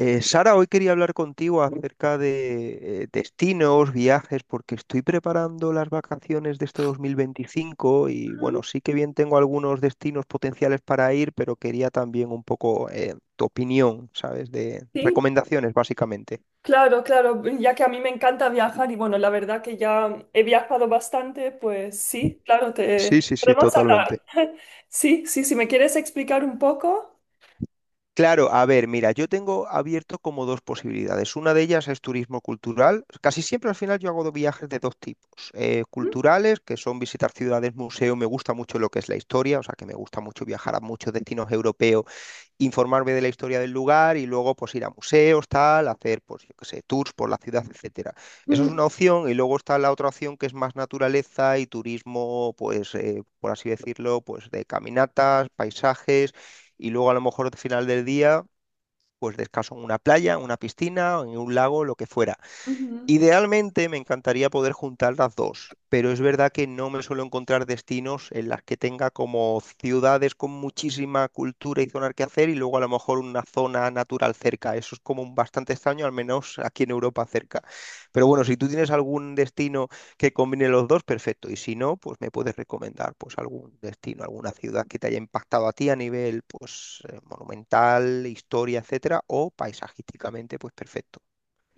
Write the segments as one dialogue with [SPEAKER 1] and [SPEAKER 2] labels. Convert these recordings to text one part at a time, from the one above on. [SPEAKER 1] Sara, hoy quería hablar contigo acerca de destinos, viajes, porque estoy preparando las vacaciones de este 2025 y
[SPEAKER 2] Ujú.
[SPEAKER 1] bueno, sí que bien tengo algunos destinos potenciales para ir, pero quería también un poco tu opinión, ¿sabes? De
[SPEAKER 2] Sí,
[SPEAKER 1] recomendaciones, básicamente.
[SPEAKER 2] claro, claro, ya que a mí me encanta viajar y bueno, la verdad que ya he viajado bastante, pues sí, claro,
[SPEAKER 1] Sí,
[SPEAKER 2] te
[SPEAKER 1] sí, sí,
[SPEAKER 2] podemos hablar.
[SPEAKER 1] totalmente.
[SPEAKER 2] Sí, sí, si me quieres explicar un poco.
[SPEAKER 1] Claro, a ver, mira, yo tengo abierto como dos posibilidades. Una de ellas es turismo cultural. Casi siempre al final yo hago dos viajes de dos tipos.
[SPEAKER 2] Ujú,
[SPEAKER 1] Culturales, que son visitar ciudades, museos, me gusta mucho lo que es la historia, o sea que me gusta mucho viajar a muchos destinos europeos, informarme de la historia del lugar y luego pues ir a museos, tal, hacer pues yo qué sé, tours por la ciudad, etcétera. Eso es
[SPEAKER 2] ujú,
[SPEAKER 1] una opción y luego está la otra opción que es más naturaleza y turismo, pues por así decirlo, pues de caminatas, paisajes y luego a lo mejor al final del día pues descanso en una playa, en una piscina, en un lago, lo que fuera.
[SPEAKER 2] ujú.
[SPEAKER 1] Idealmente me encantaría poder juntar las dos, pero es verdad que no me suelo encontrar destinos en las que tenga como ciudades con muchísima cultura y zonas que hacer y luego a lo mejor una zona natural cerca. Eso es como un bastante extraño, al menos aquí en Europa cerca. Pero bueno, si tú tienes algún destino que combine los dos, perfecto. Y si no, pues me puedes recomendar pues algún destino, alguna ciudad que te haya impactado a ti a nivel pues monumental, historia, etcétera, o paisajísticamente, pues perfecto.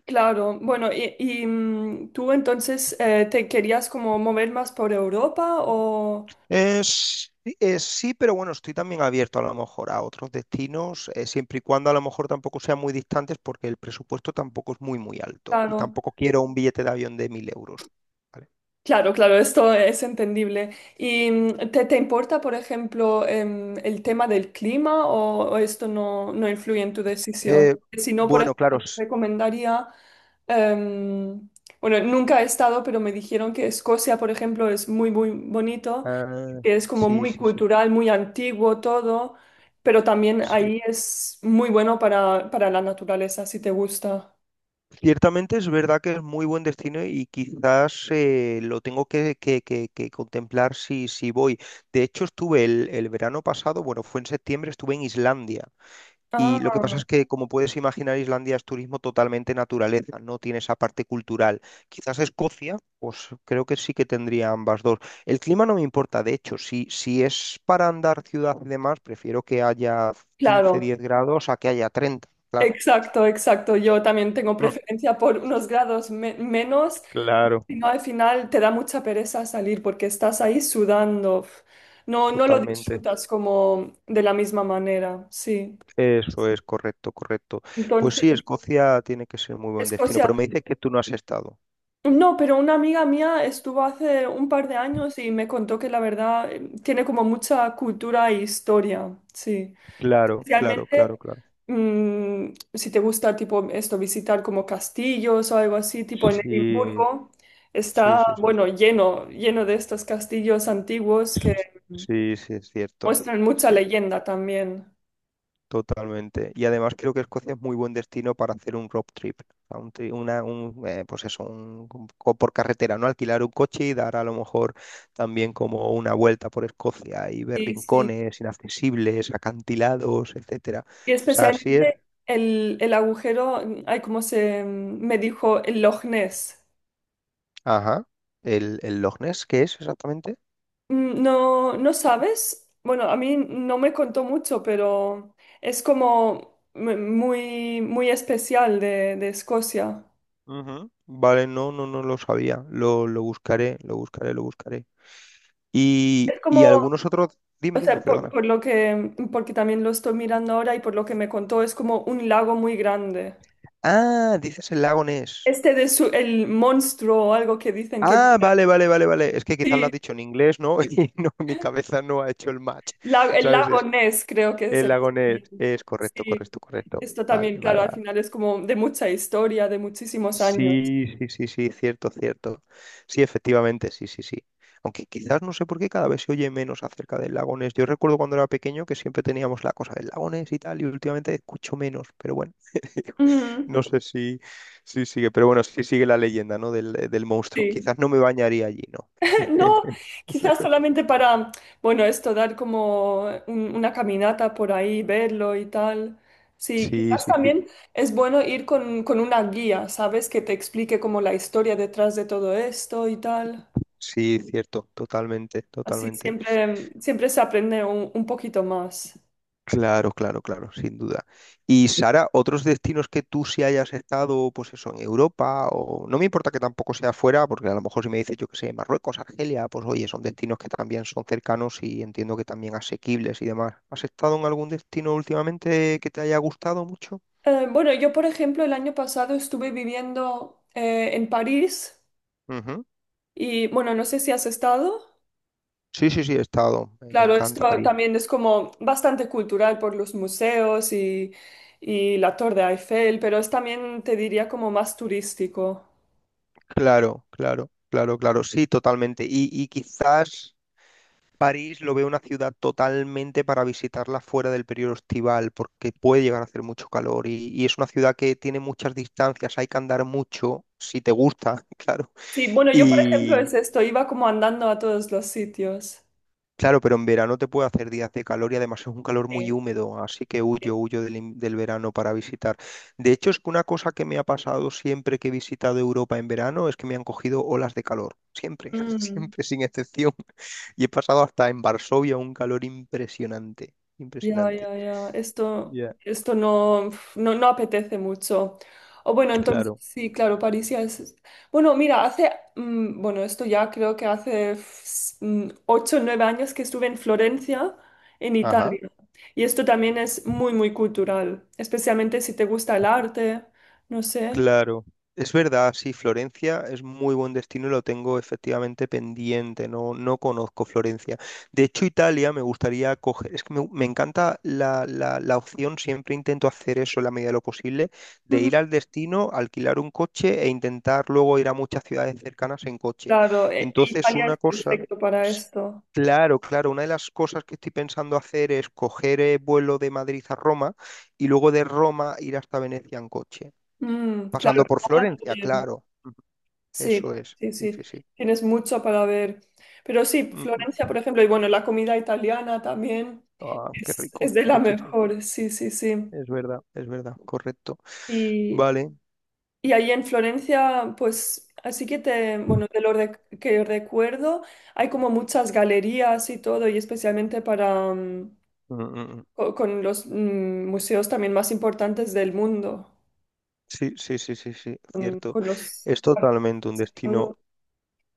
[SPEAKER 2] Claro, bueno, tú entonces te querías como mover más por Europa o...
[SPEAKER 1] Sí, sí, pero bueno, estoy también abierto a lo mejor a otros destinos, siempre y cuando a lo mejor tampoco sean muy distantes, porque el presupuesto tampoco es muy, muy alto y
[SPEAKER 2] Claro.
[SPEAKER 1] tampoco quiero un billete de avión de 1000 euros. ¿Vale?
[SPEAKER 2] Claro, claro, esto es entendible. ¿Y te importa, por ejemplo, el tema del clima o esto no influye en tu decisión?
[SPEAKER 1] Eh,
[SPEAKER 2] Si no, por
[SPEAKER 1] bueno,
[SPEAKER 2] ejemplo,
[SPEAKER 1] claro,
[SPEAKER 2] te recomendaría, em, bueno, nunca he estado, pero me dijeron que Escocia, por ejemplo, es muy, muy bonito,
[SPEAKER 1] ah,
[SPEAKER 2] que es como
[SPEAKER 1] sí,
[SPEAKER 2] muy
[SPEAKER 1] sí, sí,
[SPEAKER 2] cultural, muy antiguo todo, pero también
[SPEAKER 1] sí.
[SPEAKER 2] ahí es muy bueno para la naturaleza, si te gusta.
[SPEAKER 1] Ciertamente es verdad que es muy buen destino y quizás lo tengo que contemplar si voy. De hecho, estuve el verano pasado, bueno, fue en septiembre, estuve en Islandia.
[SPEAKER 2] Ah,
[SPEAKER 1] Y lo que pasa es que, como puedes imaginar, Islandia es turismo totalmente naturaleza, no tiene esa parte cultural. Quizás Escocia, pues creo que sí que tendría ambas dos. El clima no me importa, de hecho, si es para andar ciudad y demás, prefiero que haya 15
[SPEAKER 2] claro.
[SPEAKER 1] 10 grados a que haya 30. Claro.
[SPEAKER 2] Exacto, exacto. Yo también tengo
[SPEAKER 1] Mm,
[SPEAKER 2] preferencia por unos grados menos,
[SPEAKER 1] claro,
[SPEAKER 2] si no al final te da mucha pereza salir porque estás ahí sudando. Uf. No, no lo
[SPEAKER 1] totalmente.
[SPEAKER 2] disfrutas como de la misma manera, sí.
[SPEAKER 1] Eso
[SPEAKER 2] Sí.
[SPEAKER 1] es correcto, correcto. Pues
[SPEAKER 2] Entonces,
[SPEAKER 1] sí, Escocia tiene que ser muy buen destino, pero
[SPEAKER 2] Escocia.
[SPEAKER 1] me dices que tú no has estado.
[SPEAKER 2] No, pero una amiga mía estuvo hace un par de años y me contó que la verdad tiene como mucha cultura e historia, sí.
[SPEAKER 1] Claro, claro, claro,
[SPEAKER 2] Especialmente
[SPEAKER 1] claro.
[SPEAKER 2] si te gusta tipo esto, visitar como castillos o algo así, tipo en
[SPEAKER 1] Sí,
[SPEAKER 2] Edimburgo,
[SPEAKER 1] sí,
[SPEAKER 2] está,
[SPEAKER 1] sí, sí.
[SPEAKER 2] bueno, lleno, lleno de estos castillos antiguos que
[SPEAKER 1] Sí, sí, es cierto.
[SPEAKER 2] muestran
[SPEAKER 1] Es
[SPEAKER 2] mucha
[SPEAKER 1] cierto,
[SPEAKER 2] leyenda también.
[SPEAKER 1] totalmente. Y además creo que Escocia es muy buen destino para hacer un road trip. O sea, un, tri- una, un, pues eso, por carretera, ¿no? Alquilar un coche y dar a lo mejor también como una vuelta por Escocia y ver
[SPEAKER 2] Sí, sí.
[SPEAKER 1] rincones inaccesibles, acantilados, etcétera.
[SPEAKER 2] Y
[SPEAKER 1] O sea, así es.
[SPEAKER 2] especialmente el, el agujero, hay como se me dijo, el Loch Ness.
[SPEAKER 1] Ajá. El Loch Ness qué es exactamente?
[SPEAKER 2] Mm. No, ¿no sabes? Bueno, a mí no me contó mucho, pero es como muy, muy especial de Escocia.
[SPEAKER 1] Ujú. Vale, no, no, no lo sabía. Lo buscaré, lo buscaré, lo buscaré. Y,
[SPEAKER 2] Es
[SPEAKER 1] y
[SPEAKER 2] como,
[SPEAKER 1] algunos otros... Dime,
[SPEAKER 2] o
[SPEAKER 1] dime,
[SPEAKER 2] sea,
[SPEAKER 1] perdona.
[SPEAKER 2] por lo que, porque también lo estoy mirando ahora y por lo que me contó, es como un lago muy grande.
[SPEAKER 1] Ah, dices el lago Ness.
[SPEAKER 2] Este de su, el monstruo o algo que dicen que
[SPEAKER 1] Ah,
[SPEAKER 2] vive.
[SPEAKER 1] vale, vale, vale, vale. Es que quizás lo has
[SPEAKER 2] Sí,
[SPEAKER 1] dicho en inglés, ¿no? Y no, mi cabeza no ha hecho el match.
[SPEAKER 2] el
[SPEAKER 1] ¿Sabes?
[SPEAKER 2] lago
[SPEAKER 1] Es
[SPEAKER 2] Ness creo que es.
[SPEAKER 1] el
[SPEAKER 2] En
[SPEAKER 1] lago Ness. Es correcto,
[SPEAKER 2] sí,
[SPEAKER 1] correcto, correcto.
[SPEAKER 2] esto
[SPEAKER 1] Vale,
[SPEAKER 2] también,
[SPEAKER 1] vale,
[SPEAKER 2] claro, al
[SPEAKER 1] vale.
[SPEAKER 2] final es como de mucha historia, de muchísimos años.
[SPEAKER 1] Sí, sí, sí, sí, cierto, cierto. Sí, efectivamente, sí, sí, sí. Aunque quizás no sé por qué cada vez se oye menos acerca del lagones. Yo recuerdo cuando era pequeño que siempre teníamos la cosa del lagones y tal, y últimamente escucho menos, pero bueno,
[SPEAKER 2] Ujú.
[SPEAKER 1] no sé si, si sigue, pero bueno, sí sigue la leyenda, ¿no? Del, del monstruo.
[SPEAKER 2] Sí.
[SPEAKER 1] Quizás no me bañaría allí, ¿no?
[SPEAKER 2] No,
[SPEAKER 1] O sea
[SPEAKER 2] quizás
[SPEAKER 1] que-
[SPEAKER 2] solamente para, bueno, esto, dar como una caminata por ahí, verlo y tal. Sí,
[SPEAKER 1] sí,
[SPEAKER 2] quizás
[SPEAKER 1] sí, sí,
[SPEAKER 2] también es bueno ir con una guía, ¿sabes? Que te explique como la historia detrás de todo esto y tal.
[SPEAKER 1] sí, cierto, totalmente,
[SPEAKER 2] Así
[SPEAKER 1] totalmente.
[SPEAKER 2] siempre, siempre se aprende un poquito más.
[SPEAKER 1] Claro, claro, claro, sin duda. Y Sara, otros destinos que tú sí hayas estado, pues eso, en Europa, o no me importa que tampoco sea fuera, porque a lo mejor si me dices, yo que sé, Marruecos, Argelia, pues oye, son destinos que también son cercanos y entiendo que también asequibles y demás. ¿Has estado en algún destino últimamente que te haya gustado mucho?
[SPEAKER 2] Bueno, yo, por ejemplo, el año pasado estuve viviendo en París
[SPEAKER 1] Ujú.
[SPEAKER 2] y, bueno, no sé si has estado.
[SPEAKER 1] Sí, sí, sí, he estado. Me
[SPEAKER 2] Claro,
[SPEAKER 1] encanta
[SPEAKER 2] esto
[SPEAKER 1] París.
[SPEAKER 2] también es como bastante cultural por los museos y la Torre Eiffel, pero es también, te diría, como más turístico.
[SPEAKER 1] Claro, claro, claro, claro, sí, totalmente. Y quizás París lo veo una ciudad totalmente para visitarla fuera del periodo estival, porque puede llegar a hacer mucho calor y es una ciudad que tiene muchas distancias, hay que andar mucho, si te gusta, claro.
[SPEAKER 2] Sí, bueno, yo por ejemplo
[SPEAKER 1] Y
[SPEAKER 2] es esto, iba como andando a todos los sitios.
[SPEAKER 1] claro, pero en verano te puede hacer días de calor y además es un calor muy
[SPEAKER 2] Sí.
[SPEAKER 1] húmedo, así que
[SPEAKER 2] Sí.
[SPEAKER 1] huyo, huyo del verano para visitar. De hecho, es que una cosa que me ha pasado siempre que he visitado Europa en verano es que me han cogido olas de calor, siempre,
[SPEAKER 2] Mm.
[SPEAKER 1] siempre, sin excepción. Y he pasado hasta en Varsovia un calor impresionante,
[SPEAKER 2] Ya,
[SPEAKER 1] impresionante.
[SPEAKER 2] ya, ya. Esto,
[SPEAKER 1] Ya,
[SPEAKER 2] esto no, no, no apetece mucho. O bueno, entonces
[SPEAKER 1] claro.
[SPEAKER 2] sí, claro, París ya es. Bueno, mira, hace, bueno, esto ya creo que hace ocho, o nueve años que estuve en Florencia, en
[SPEAKER 1] Ajá.
[SPEAKER 2] Italia. Y esto también es muy, muy cultural, especialmente si te gusta el arte, no sé.
[SPEAKER 1] Claro. Es verdad, sí, Florencia es muy buen destino y lo tengo efectivamente pendiente, no, no conozco Florencia. De hecho, Italia me gustaría coger, es que me encanta la opción, siempre intento hacer eso en la medida de lo posible, de
[SPEAKER 2] Ujú.
[SPEAKER 1] ir al destino, alquilar un coche e intentar luego ir a muchas ciudades cercanas en coche.
[SPEAKER 2] Claro,
[SPEAKER 1] Entonces,
[SPEAKER 2] Italia
[SPEAKER 1] una
[SPEAKER 2] es
[SPEAKER 1] cosa...
[SPEAKER 2] perfecto para esto.
[SPEAKER 1] Claro, claro. Una de las cosas que estoy pensando hacer es coger vuelo de Madrid a Roma y luego de Roma ir hasta Venecia en coche,
[SPEAKER 2] Claro,
[SPEAKER 1] pasando por
[SPEAKER 2] Roma
[SPEAKER 1] Florencia,
[SPEAKER 2] también.
[SPEAKER 1] claro. Ujú. Eso
[SPEAKER 2] Sí,
[SPEAKER 1] es.
[SPEAKER 2] sí,
[SPEAKER 1] Sí, sí,
[SPEAKER 2] sí.
[SPEAKER 1] sí.
[SPEAKER 2] Tienes mucho para ver. Pero sí,
[SPEAKER 1] Mm,
[SPEAKER 2] Florencia,
[SPEAKER 1] mm.
[SPEAKER 2] por ejemplo, y bueno, la comida italiana también
[SPEAKER 1] Ah, qué rico.
[SPEAKER 2] es de la
[SPEAKER 1] Sí, sí, sí.
[SPEAKER 2] mejor, sí, sí, sí.
[SPEAKER 1] Es verdad, es verdad. Correcto.
[SPEAKER 2] Y,
[SPEAKER 1] Vale.
[SPEAKER 2] y ahí en Florencia, pues, así que te, bueno, de lo que recuerdo, hay como muchas galerías y todo, y especialmente para,
[SPEAKER 1] Mm, mm, mm.
[SPEAKER 2] con, los museos también más importantes del mundo,
[SPEAKER 1] Sí, sí, sí, sí, sí. Cierto.
[SPEAKER 2] con los...
[SPEAKER 1] Es totalmente un destino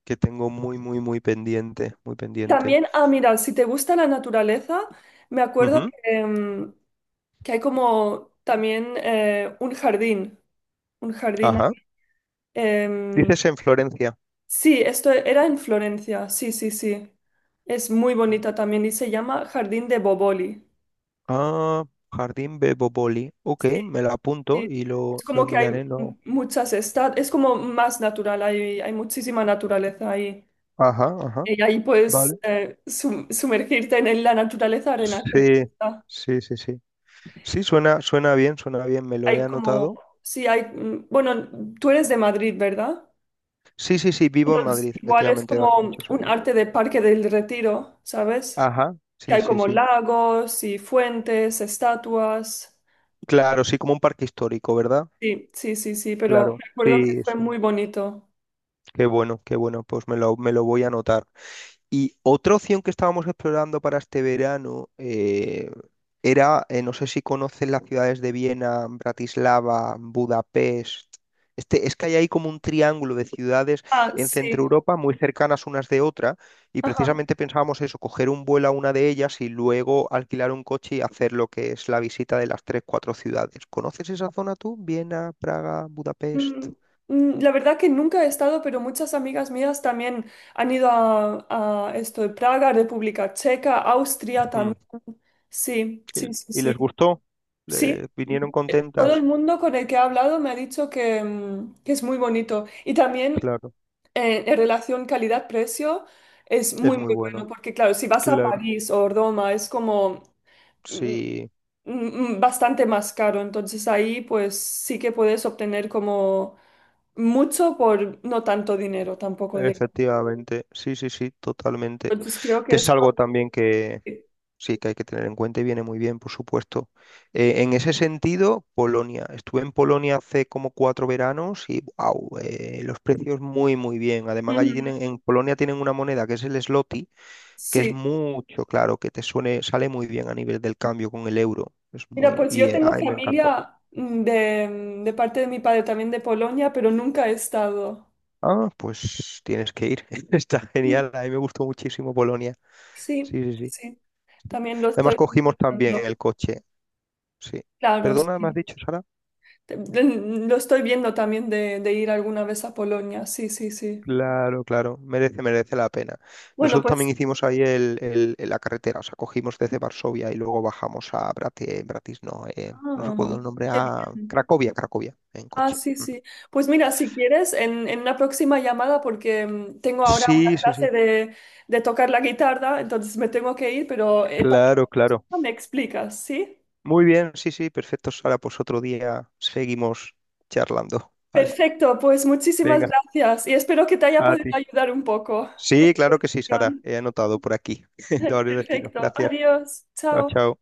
[SPEAKER 1] que tengo muy, muy, muy pendiente, muy pendiente.
[SPEAKER 2] También, ah, mira, si te gusta la naturaleza, me acuerdo
[SPEAKER 1] Ujú.
[SPEAKER 2] que, que hay como también un jardín, un jardín.
[SPEAKER 1] Ajá.
[SPEAKER 2] em,
[SPEAKER 1] Dices en Florencia.
[SPEAKER 2] sí, esto era en Florencia, sí, sí, sí. Es muy bonita también y se llama Jardín de Boboli.
[SPEAKER 1] Ah, Jardín Bebopoli. Ok,
[SPEAKER 2] Sí,
[SPEAKER 1] me la apunto
[SPEAKER 2] sí.
[SPEAKER 1] y
[SPEAKER 2] Es
[SPEAKER 1] lo
[SPEAKER 2] como que hay
[SPEAKER 1] miraré. No.
[SPEAKER 2] muchas estancias, es como más natural, hay muchísima naturaleza ahí.
[SPEAKER 1] Ajá, ajá.
[SPEAKER 2] Y ahí puedes
[SPEAKER 1] Vale.
[SPEAKER 2] sumergirte en la naturaleza arena.
[SPEAKER 1] Sí, sí, sí, sí. Sí, suena, suena bien, me lo he
[SPEAKER 2] Hay como,
[SPEAKER 1] anotado.
[SPEAKER 2] sí, hay, bueno, tú eres de Madrid, ¿verdad?
[SPEAKER 1] Sí, sí, sí, vivo en
[SPEAKER 2] Entonces,
[SPEAKER 1] Madrid,
[SPEAKER 2] igual es
[SPEAKER 1] efectivamente, desde hace
[SPEAKER 2] como
[SPEAKER 1] muchos
[SPEAKER 2] un
[SPEAKER 1] años.
[SPEAKER 2] arte de Parque del Retiro, ¿sabes?
[SPEAKER 1] Ajá,
[SPEAKER 2] Que
[SPEAKER 1] sí,
[SPEAKER 2] hay
[SPEAKER 1] sí,
[SPEAKER 2] como
[SPEAKER 1] sí.
[SPEAKER 2] lagos y fuentes, estatuas.
[SPEAKER 1] Claro, sí, como un parque histórico, ¿verdad?
[SPEAKER 2] Sí, sí, sí, sí, pero
[SPEAKER 1] Claro,
[SPEAKER 2] me acuerdo que
[SPEAKER 1] sí,
[SPEAKER 2] fue
[SPEAKER 1] eso.
[SPEAKER 2] muy bonito.
[SPEAKER 1] Qué bueno, pues me lo voy a anotar. Y otra opción que estábamos explorando para este verano era, no sé si conocen las ciudades de Viena, Bratislava, Budapest. Este, es que hay ahí como un triángulo de ciudades
[SPEAKER 2] Ah,
[SPEAKER 1] en Centro
[SPEAKER 2] sí.
[SPEAKER 1] Europa muy cercanas unas de otra y
[SPEAKER 2] Ajá.
[SPEAKER 1] precisamente pensábamos eso, coger un vuelo a una de ellas y luego alquilar un coche y hacer lo que es la visita de las tres, cuatro ciudades. ¿Conoces esa zona tú? Viena, Praga, Budapest.
[SPEAKER 2] Mm, la verdad que nunca he estado, pero muchas amigas mías también han ido a esto de Praga, República Checa, Austria
[SPEAKER 1] Ujú.
[SPEAKER 2] también. Sí, sí,
[SPEAKER 1] ¿Y
[SPEAKER 2] sí,
[SPEAKER 1] y
[SPEAKER 2] sí.
[SPEAKER 1] les gustó?
[SPEAKER 2] Sí.
[SPEAKER 1] Vinieron
[SPEAKER 2] Todo el
[SPEAKER 1] contentas?
[SPEAKER 2] mundo con el que he hablado me ha dicho que, que es muy bonito. Y también
[SPEAKER 1] Claro.
[SPEAKER 2] en relación calidad-precio es
[SPEAKER 1] Es
[SPEAKER 2] muy,
[SPEAKER 1] muy
[SPEAKER 2] muy bueno,
[SPEAKER 1] bueno,
[SPEAKER 2] porque claro, si vas a
[SPEAKER 1] claro,
[SPEAKER 2] París o Roma es como mm,
[SPEAKER 1] sí,
[SPEAKER 2] bastante más caro. Entonces ahí pues sí que puedes obtener como mucho por no tanto dinero tampoco, digamos.
[SPEAKER 1] efectivamente, sí, sí, sí, totalmente.
[SPEAKER 2] Entonces creo que
[SPEAKER 1] Que es
[SPEAKER 2] es...
[SPEAKER 1] algo también que sí que hay que tener en cuenta y viene muy bien, por supuesto. En ese sentido, Polonia. Estuve en Polonia hace como 4 veranos y wow, los precios muy, muy bien. Además, allí
[SPEAKER 2] Ujú.
[SPEAKER 1] tienen, en Polonia tienen una moneda que es el zloty, que es
[SPEAKER 2] Sí.
[SPEAKER 1] mucho, claro, que te suene, sale muy bien a nivel del cambio con el euro. Es
[SPEAKER 2] Mira,
[SPEAKER 1] muy,
[SPEAKER 2] pues yo tengo
[SPEAKER 1] ay, me encantó.
[SPEAKER 2] familia de parte de mi padre también de Polonia, pero nunca he estado.
[SPEAKER 1] Ah, pues tienes que ir. Está genial. A mí me gustó muchísimo Polonia.
[SPEAKER 2] Sí,
[SPEAKER 1] Sí, sí, sí.
[SPEAKER 2] sí. También lo
[SPEAKER 1] Además
[SPEAKER 2] estoy
[SPEAKER 1] cogimos también
[SPEAKER 2] considerando.
[SPEAKER 1] el coche. Sí.
[SPEAKER 2] Claro,
[SPEAKER 1] Perdona, ¿me has
[SPEAKER 2] sí.
[SPEAKER 1] dicho, Sara?
[SPEAKER 2] Te- Lo estoy viendo también de ir alguna vez a Polonia. Sí, sí, sí.
[SPEAKER 1] Claro, claro. Merece, merece la pena.
[SPEAKER 2] Bueno,
[SPEAKER 1] Nosotros también
[SPEAKER 2] pues.
[SPEAKER 1] hicimos ahí la carretera. O sea, cogimos desde Varsovia y luego bajamos a Brati, Bratis, no, no recuerdo
[SPEAKER 2] Ah,
[SPEAKER 1] el nombre,
[SPEAKER 2] qué
[SPEAKER 1] a
[SPEAKER 2] bien.
[SPEAKER 1] Cracovia, Cracovia, en
[SPEAKER 2] Ah,
[SPEAKER 1] coche.
[SPEAKER 2] sí,
[SPEAKER 1] Ujú.
[SPEAKER 2] sí. Pues mira, si quieres, en una próxima llamada, porque tengo ahora una
[SPEAKER 1] Sí, sí,
[SPEAKER 2] clase
[SPEAKER 1] sí.
[SPEAKER 2] de tocar la guitarra, entonces me tengo que ir, pero
[SPEAKER 1] Claro, claro.
[SPEAKER 2] me explicas, ¿sí?
[SPEAKER 1] Muy bien, sí, sí. Perfecto, Sara. Pues otro día seguimos charlando. Vale.
[SPEAKER 2] Perfecto, pues muchísimas
[SPEAKER 1] Venga,
[SPEAKER 2] gracias y espero que te haya
[SPEAKER 1] a
[SPEAKER 2] podido
[SPEAKER 1] ti.
[SPEAKER 2] ayudar un poco.
[SPEAKER 1] Sí, claro que sí, Sara. He anotado por aquí de varios destinos.
[SPEAKER 2] Perfecto.
[SPEAKER 1] Gracias.
[SPEAKER 2] Adiós.
[SPEAKER 1] Chao,
[SPEAKER 2] Chao.
[SPEAKER 1] chao.